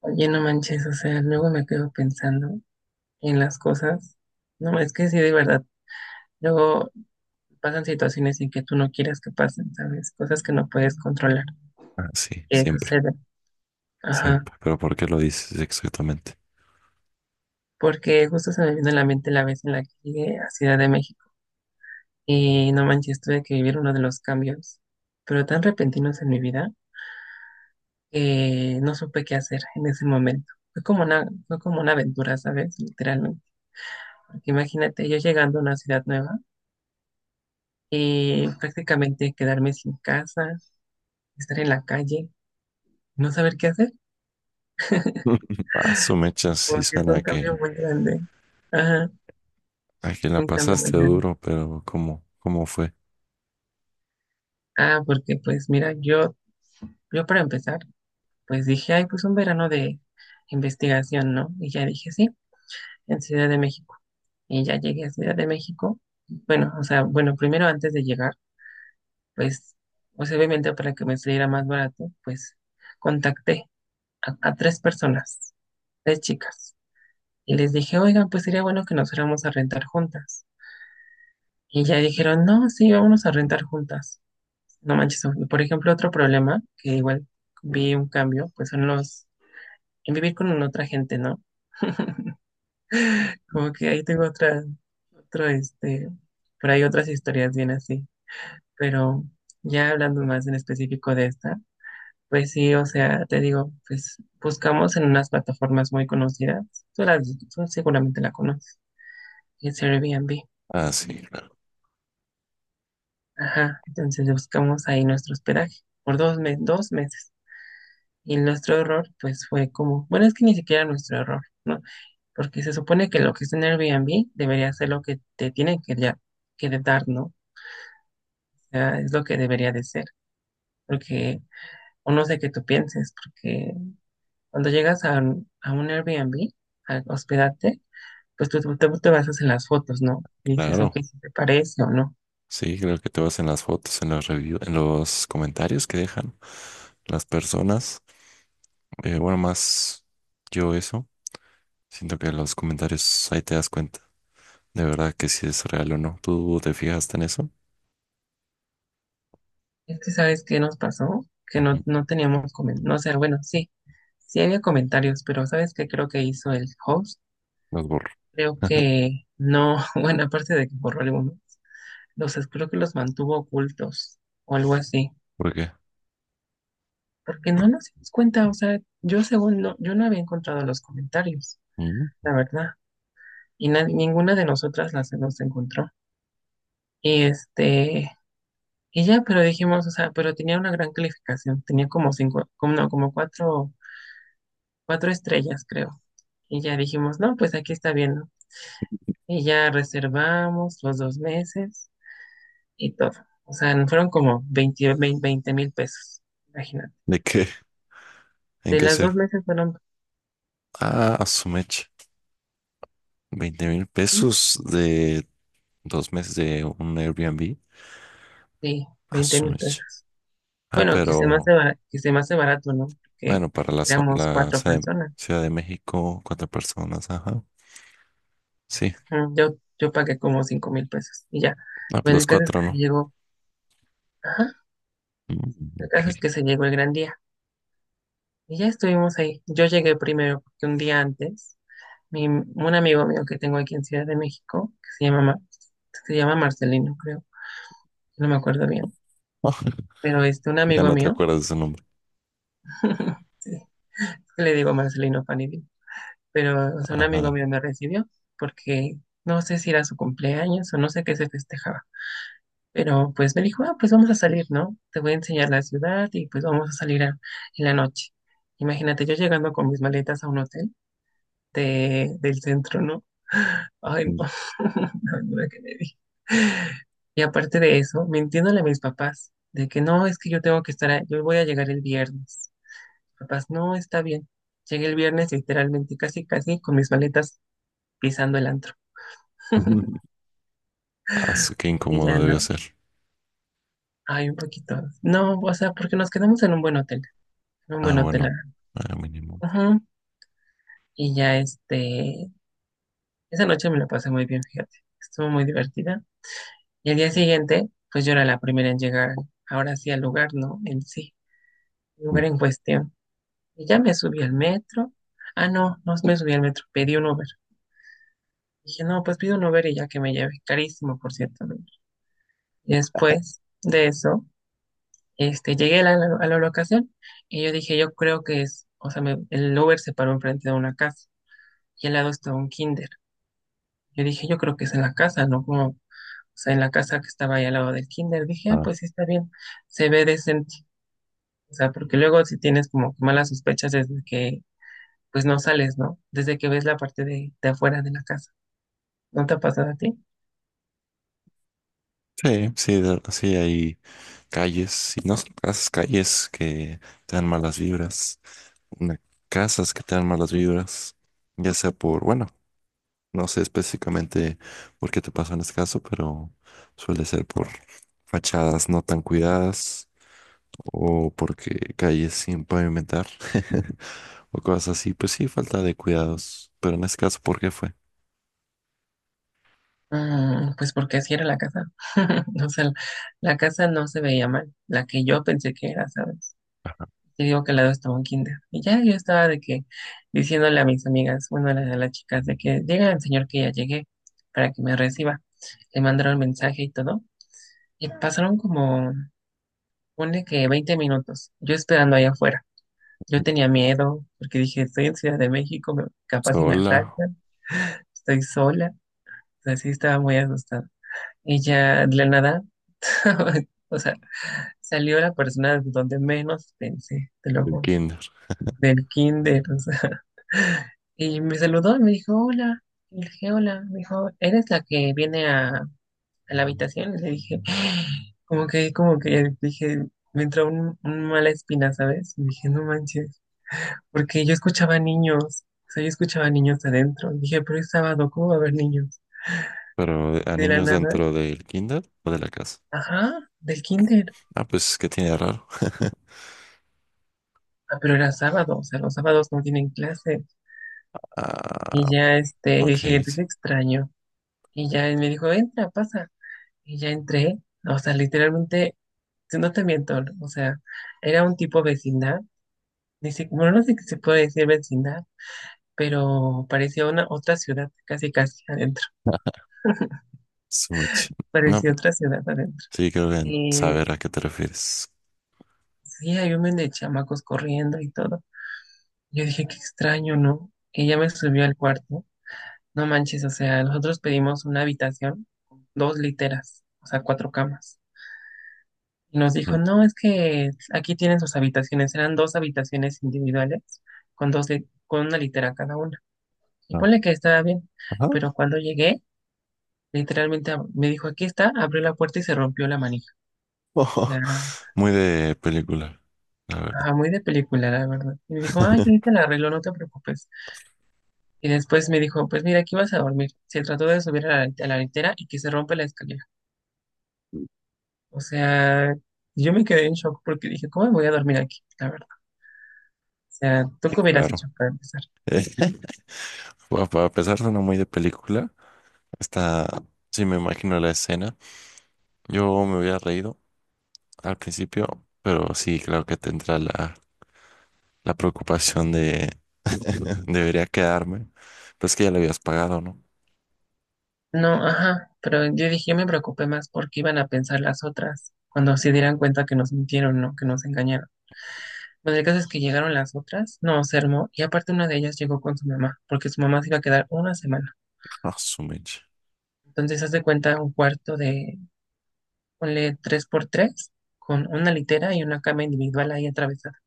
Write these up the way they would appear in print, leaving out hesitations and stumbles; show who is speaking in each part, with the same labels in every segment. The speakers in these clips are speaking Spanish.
Speaker 1: Oye, no manches, o sea, luego me quedo pensando en las cosas. No, es que sí, de verdad, luego pasan situaciones en que tú no quieras que pasen, ¿sabes? Cosas que no puedes controlar,
Speaker 2: Ah, sí,
Speaker 1: que
Speaker 2: siempre,
Speaker 1: suceden. Ajá,
Speaker 2: siempre. Pero ¿por qué lo dices exactamente?
Speaker 1: porque justo se me vino a la mente la vez en la que llegué a Ciudad de México y no manches, tuve que vivir uno de los cambios, pero tan repentinos en mi vida que no supe qué hacer en ese momento. Fue como una aventura, ¿sabes? Literalmente. Porque imagínate, yo llegando a una ciudad nueva, prácticamente quedarme sin casa, estar en la calle, no saber qué hacer,
Speaker 2: Ah, su mecha sí
Speaker 1: porque
Speaker 2: suena
Speaker 1: fue
Speaker 2: a
Speaker 1: un cambio
Speaker 2: que,
Speaker 1: muy grande. Ajá,
Speaker 2: a que la
Speaker 1: fue un cambio
Speaker 2: pasaste
Speaker 1: muy grande.
Speaker 2: duro, pero ¿cómo fue?
Speaker 1: Ah, porque pues mira, yo para empezar, pues dije, ay, pues un verano de investigación, ¿no? Y ya dije, sí, en Ciudad de México. Y ya llegué a Ciudad de México. Bueno, o sea, bueno, primero antes de llegar, pues, pues obviamente para que me saliera más barato, pues contacté a tres personas, tres chicas. Y les dije, oigan, pues sería bueno que nos fuéramos a rentar juntas. Y ya dijeron, no, sí, vámonos a rentar juntas. No manches, por ejemplo, otro problema que igual vi un cambio, pues son los, en vivir con otra gente, ¿no? Como que ahí tengo otra, otro, este, por ahí otras historias bien así. Pero ya hablando más en específico de esta, pues sí, o sea, te digo, pues buscamos en unas plataformas muy conocidas. Tú, las, tú seguramente la conoces, es Airbnb.
Speaker 2: Ah, sí, claro,
Speaker 1: Ajá, entonces buscamos ahí nuestro hospedaje por dos meses. Y nuestro error, pues fue como, bueno, es que ni siquiera nuestro error, ¿no? Porque se supone que lo que está en Airbnb debería ser lo que te tienen que, ya, que de dar, ¿no? O sea, es lo que debería de ser. Porque, o no sé qué tú pienses, porque cuando llegas a un Airbnb, a hospedarte, pues tú te basas en las fotos, ¿no? Y dices, ok,
Speaker 2: claro.
Speaker 1: si te parece o no.
Speaker 2: Sí, creo que te vas en las fotos, en los reviews, en los comentarios que dejan las personas. Bueno, más yo eso. Siento que los comentarios ahí te das cuenta de verdad que si es real o no. ¿Tú te fijaste en eso?
Speaker 1: Es que sabes qué nos pasó, que no,
Speaker 2: Ujú.
Speaker 1: no teníamos comentarios, no, o sea, bueno, sí, sí había comentarios, pero sabes qué creo que hizo el host,
Speaker 2: Los borro.
Speaker 1: creo que no, bueno, aparte de que borró algunos, creo que los mantuvo ocultos o algo así,
Speaker 2: ¿Por qué?
Speaker 1: porque no nos dimos cuenta, o sea, yo según no, yo no había encontrado los comentarios,
Speaker 2: Mm.
Speaker 1: la verdad, y ninguna de nosotras las los encontró, y este, y ya, pero dijimos, o sea, pero tenía una gran calificación, tenía como cinco, como, no, como cuatro, cuatro estrellas, creo. Y ya dijimos, no, pues aquí está bien, ¿no? Y ya reservamos los dos meses y todo. O sea, nos fueron como 20.000 pesos, imagínate.
Speaker 2: ¿De qué? ¿En
Speaker 1: De
Speaker 2: qué
Speaker 1: las
Speaker 2: se?
Speaker 1: dos meses fueron,
Speaker 2: Ah, su mecha. 20,000
Speaker 1: sí,
Speaker 2: pesos de dos meses de un Airbnb.
Speaker 1: sí,
Speaker 2: A
Speaker 1: 20
Speaker 2: su
Speaker 1: mil
Speaker 2: mecha.
Speaker 1: pesos.
Speaker 2: Ah,
Speaker 1: Bueno, que se me
Speaker 2: pero
Speaker 1: hace barato, que se me hace barato, ¿no? Porque
Speaker 2: bueno, para la, zo-
Speaker 1: éramos
Speaker 2: la
Speaker 1: cuatro personas.
Speaker 2: Ciudad de México, cuatro personas, ajá. Sí,
Speaker 1: Ujú. Yo pagué como 5.000 pesos y ya.
Speaker 2: ah, pues
Speaker 1: Bueno,
Speaker 2: los
Speaker 1: el caso es
Speaker 2: cuatro,
Speaker 1: que se
Speaker 2: ¿no?
Speaker 1: llegó, ajá,
Speaker 2: Mm,
Speaker 1: el
Speaker 2: ok.
Speaker 1: caso es que se llegó el gran día. Y ya estuvimos ahí. Yo llegué primero porque un día antes un amigo mío que tengo aquí en Ciudad de México, que se llama Marcelino, creo, no me acuerdo bien, pero este, un
Speaker 2: Ya
Speaker 1: amigo
Speaker 2: no te
Speaker 1: mío,
Speaker 2: acuerdas de su nombre.
Speaker 1: sí, le digo Marcelino Panini, pero o sea, un amigo
Speaker 2: Ajá.
Speaker 1: mío me recibió porque no sé si era su cumpleaños o no sé qué se festejaba, pero pues me dijo, ah, pues vamos a salir, ¿no? Te voy a enseñar la ciudad y pues vamos a salir en la noche. Imagínate yo llegando con mis maletas a un hotel del centro, ¿no? Ay,
Speaker 2: Mm.
Speaker 1: no, la verdura que me di. Y aparte de eso, mintiéndole a mis papás, de que no, es que yo tengo que estar, yo voy a llegar el viernes. Papás, no, está bien. Llegué el viernes literalmente casi, casi con mis maletas pisando el antro.
Speaker 2: Ah, qué
Speaker 1: Y
Speaker 2: incómodo
Speaker 1: ya no,
Speaker 2: debió ser.
Speaker 1: ay, un poquito. No, o sea, porque nos quedamos en un buen hotel, en un
Speaker 2: Ah,
Speaker 1: buen hotel.
Speaker 2: bueno, mínimo.
Speaker 1: Ajá. Y ya este, esa noche me la pasé muy bien, fíjate. Estuvo muy divertida. Y el día siguiente, pues yo era la primera en llegar, ahora sí al lugar, ¿no? En sí,
Speaker 2: Mm.
Speaker 1: lugar en cuestión. Y ya me subí al metro. Ah, no, no me subí al metro, pedí un Uber. Dije, no, pues pido un Uber y ya que me lleve. Carísimo, por cierto, el Uber. Y después de eso, este, llegué a la, locación y yo dije, yo creo que es, o sea, el Uber se paró enfrente de una casa y al lado estaba un kinder. Yo dije, yo creo que es en la casa, ¿no? Como, o sea, en la casa que estaba ahí al lado del kinder. Dije, ah,
Speaker 2: Ah,
Speaker 1: pues sí está bien, se ve decente. O sea, porque luego si tienes como malas sospechas desde que pues no sales, ¿no? Desde que ves la parte de afuera de la casa. ¿No te ha pasado a ti?
Speaker 2: sí, sí, sí hay calles, y no son casas, calles que te dan malas vibras. una- Casas que te dan malas vibras, ya sea por, bueno, no sé específicamente por qué te pasó en este caso, pero suele ser por fachadas no tan cuidadas o porque calles sin pavimentar o cosas así. Pues sí, falta de cuidados, pero en este caso, ¿por qué fue?
Speaker 1: Pues porque así era la casa. O sea, la casa no se veía mal, la que yo pensé que era, ¿sabes? Te digo que al lado estaba un kinder. Y ya yo estaba de que diciéndole a mis amigas, bueno, a las chicas, de que llega el señor que ya llegué para que me reciba. Le mandaron mensaje y todo. Y pasaron como, pone que 20 minutos, yo esperando ahí afuera. Yo tenía miedo porque dije, estoy en Ciudad de México, capaz si me
Speaker 2: Sola,
Speaker 1: asaltan. Estoy sola. Así estaba muy asustada. Y ya de la nada, o sea, salió la persona donde menos pensé, te lo
Speaker 2: el
Speaker 1: juro,
Speaker 2: kinder,
Speaker 1: del kinder, o sea. Y me saludó y me dijo, hola. Y le dije, hola. Me dijo, ¿eres la que viene a la habitación? Y le dije, como que, dije, me entró un mala espina, ¿sabes? Y dije, no manches, porque yo escuchaba niños, o sea, yo escuchaba niños adentro. Y dije, pero es sábado, ¿cómo va a haber niños?
Speaker 2: pero
Speaker 1: Y
Speaker 2: a
Speaker 1: de la
Speaker 2: niños
Speaker 1: nada.
Speaker 2: dentro del kinder o de la casa.
Speaker 1: Ajá, del kinder.
Speaker 2: Ah, pues, ¿qué tiene de raro?
Speaker 1: Ah, pero era sábado, o sea, los sábados no tienen clase.
Speaker 2: Ah,
Speaker 1: Y ya, este, le
Speaker 2: ok,
Speaker 1: dije,
Speaker 2: sí.
Speaker 1: te extraño. Y ya él me dijo, entra, pasa. Y ya entré. O sea, literalmente, si no te miento, o sea, era un tipo vecindad. Ni si- bueno, no sé si se puede decir vecindad, pero parecía una otra ciudad, casi casi adentro.
Speaker 2: Su mecha- No,
Speaker 1: Parecía otra ciudad adentro.
Speaker 2: sí, creo que
Speaker 1: Y
Speaker 2: saber a qué te refieres.
Speaker 1: sí, hay un men de chamacos corriendo y todo. Yo dije, qué extraño, ¿no? Y ya me subió al cuarto. No manches, o sea, nosotros pedimos una habitación con dos literas, o sea, cuatro camas. Y nos dijo, no, es que aquí tienen sus habitaciones. Eran dos habitaciones individuales con con una litera cada una. Y
Speaker 2: Mm.
Speaker 1: ponle que estaba bien,
Speaker 2: Ajá.
Speaker 1: pero cuando llegué, literalmente me dijo, aquí está, abrió la puerta y se rompió la manija. O
Speaker 2: Ojo.
Speaker 1: sea,
Speaker 2: Muy de película, la verdad.
Speaker 1: ajá, muy de película, la verdad. Y me dijo, ay, yo ahorita la arreglo, no te preocupes. Y después me dijo, pues mira, aquí vas a dormir. Se trató de subir a la, litera y que se rompe la escalera. O sea, yo me quedé en shock porque dije, ¿cómo me voy a dormir aquí? La verdad. O sea, ¿tú
Speaker 2: Sí,
Speaker 1: qué hubieras hecho
Speaker 2: claro.
Speaker 1: para empezar?
Speaker 2: Eh, bueno, para pesar suena muy de película. Está, sí me imagino la escena. Yo me había reído al principio, pero sí claro que tendrá la preocupación de debería quedarme. Pero es que ya le habías pagado, ¿no?
Speaker 1: No, ajá, pero yo dije, yo me preocupé más porque iban a pensar las otras cuando se dieran cuenta que nos mintieron, ¿no? Que nos engañaron. Bueno, el caso es que llegaron las otras, no, se armó, y aparte una de ellas llegó con su mamá, porque su mamá se iba a quedar una semana.
Speaker 2: Ah, su mecha.
Speaker 1: Entonces, haz de cuenta un cuarto de, ponle tres por tres con una litera y una cama individual ahí atravesada.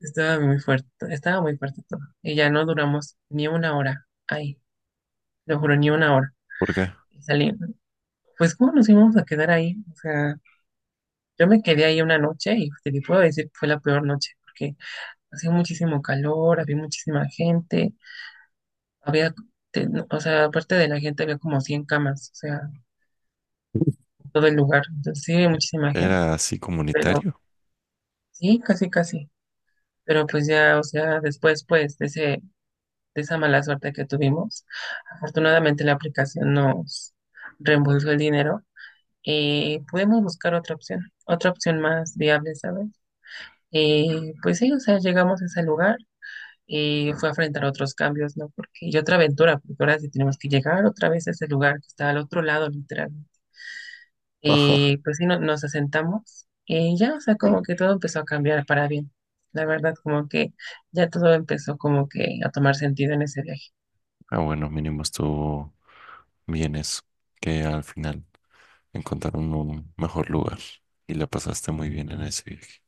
Speaker 1: Estaba muy fuerte todo. Y ya no duramos ni una hora ahí, lo juro, ni una hora.
Speaker 2: ¿Por qué?
Speaker 1: Y saliendo. Pues, ¿cómo nos íbamos a quedar ahí? O sea, yo me quedé ahí una noche y te le puedo decir que fue la peor noche, porque hacía muchísimo calor, había muchísima gente, había, no, o sea, aparte de la gente había como 100 camas, o sea, en todo el lugar. Entonces, sí, había muchísima gente,
Speaker 2: ¿Era así
Speaker 1: pero
Speaker 2: comunitario?
Speaker 1: sí, casi, casi. Pero pues ya, o sea, después, pues, de esa mala suerte que tuvimos. Afortunadamente la aplicación nos reembolsó el dinero y pudimos buscar otra opción más viable, ¿sabes? Y pues sí, o sea, llegamos a ese lugar y fue a enfrentar otros cambios, ¿no? Porque, y otra aventura, porque ahora sí tenemos que llegar otra vez a ese lugar que está al otro lado, literalmente. Y pues sí, nos asentamos y ya, o sea, como que todo empezó a cambiar para bien. La verdad, como que ya todo empezó como que a tomar sentido en ese viaje.
Speaker 2: Ah, bueno, mínimo estuvo bien eso, que al final. Encontrar un mejor lugar. Y la pasaste muy bien en ese viaje.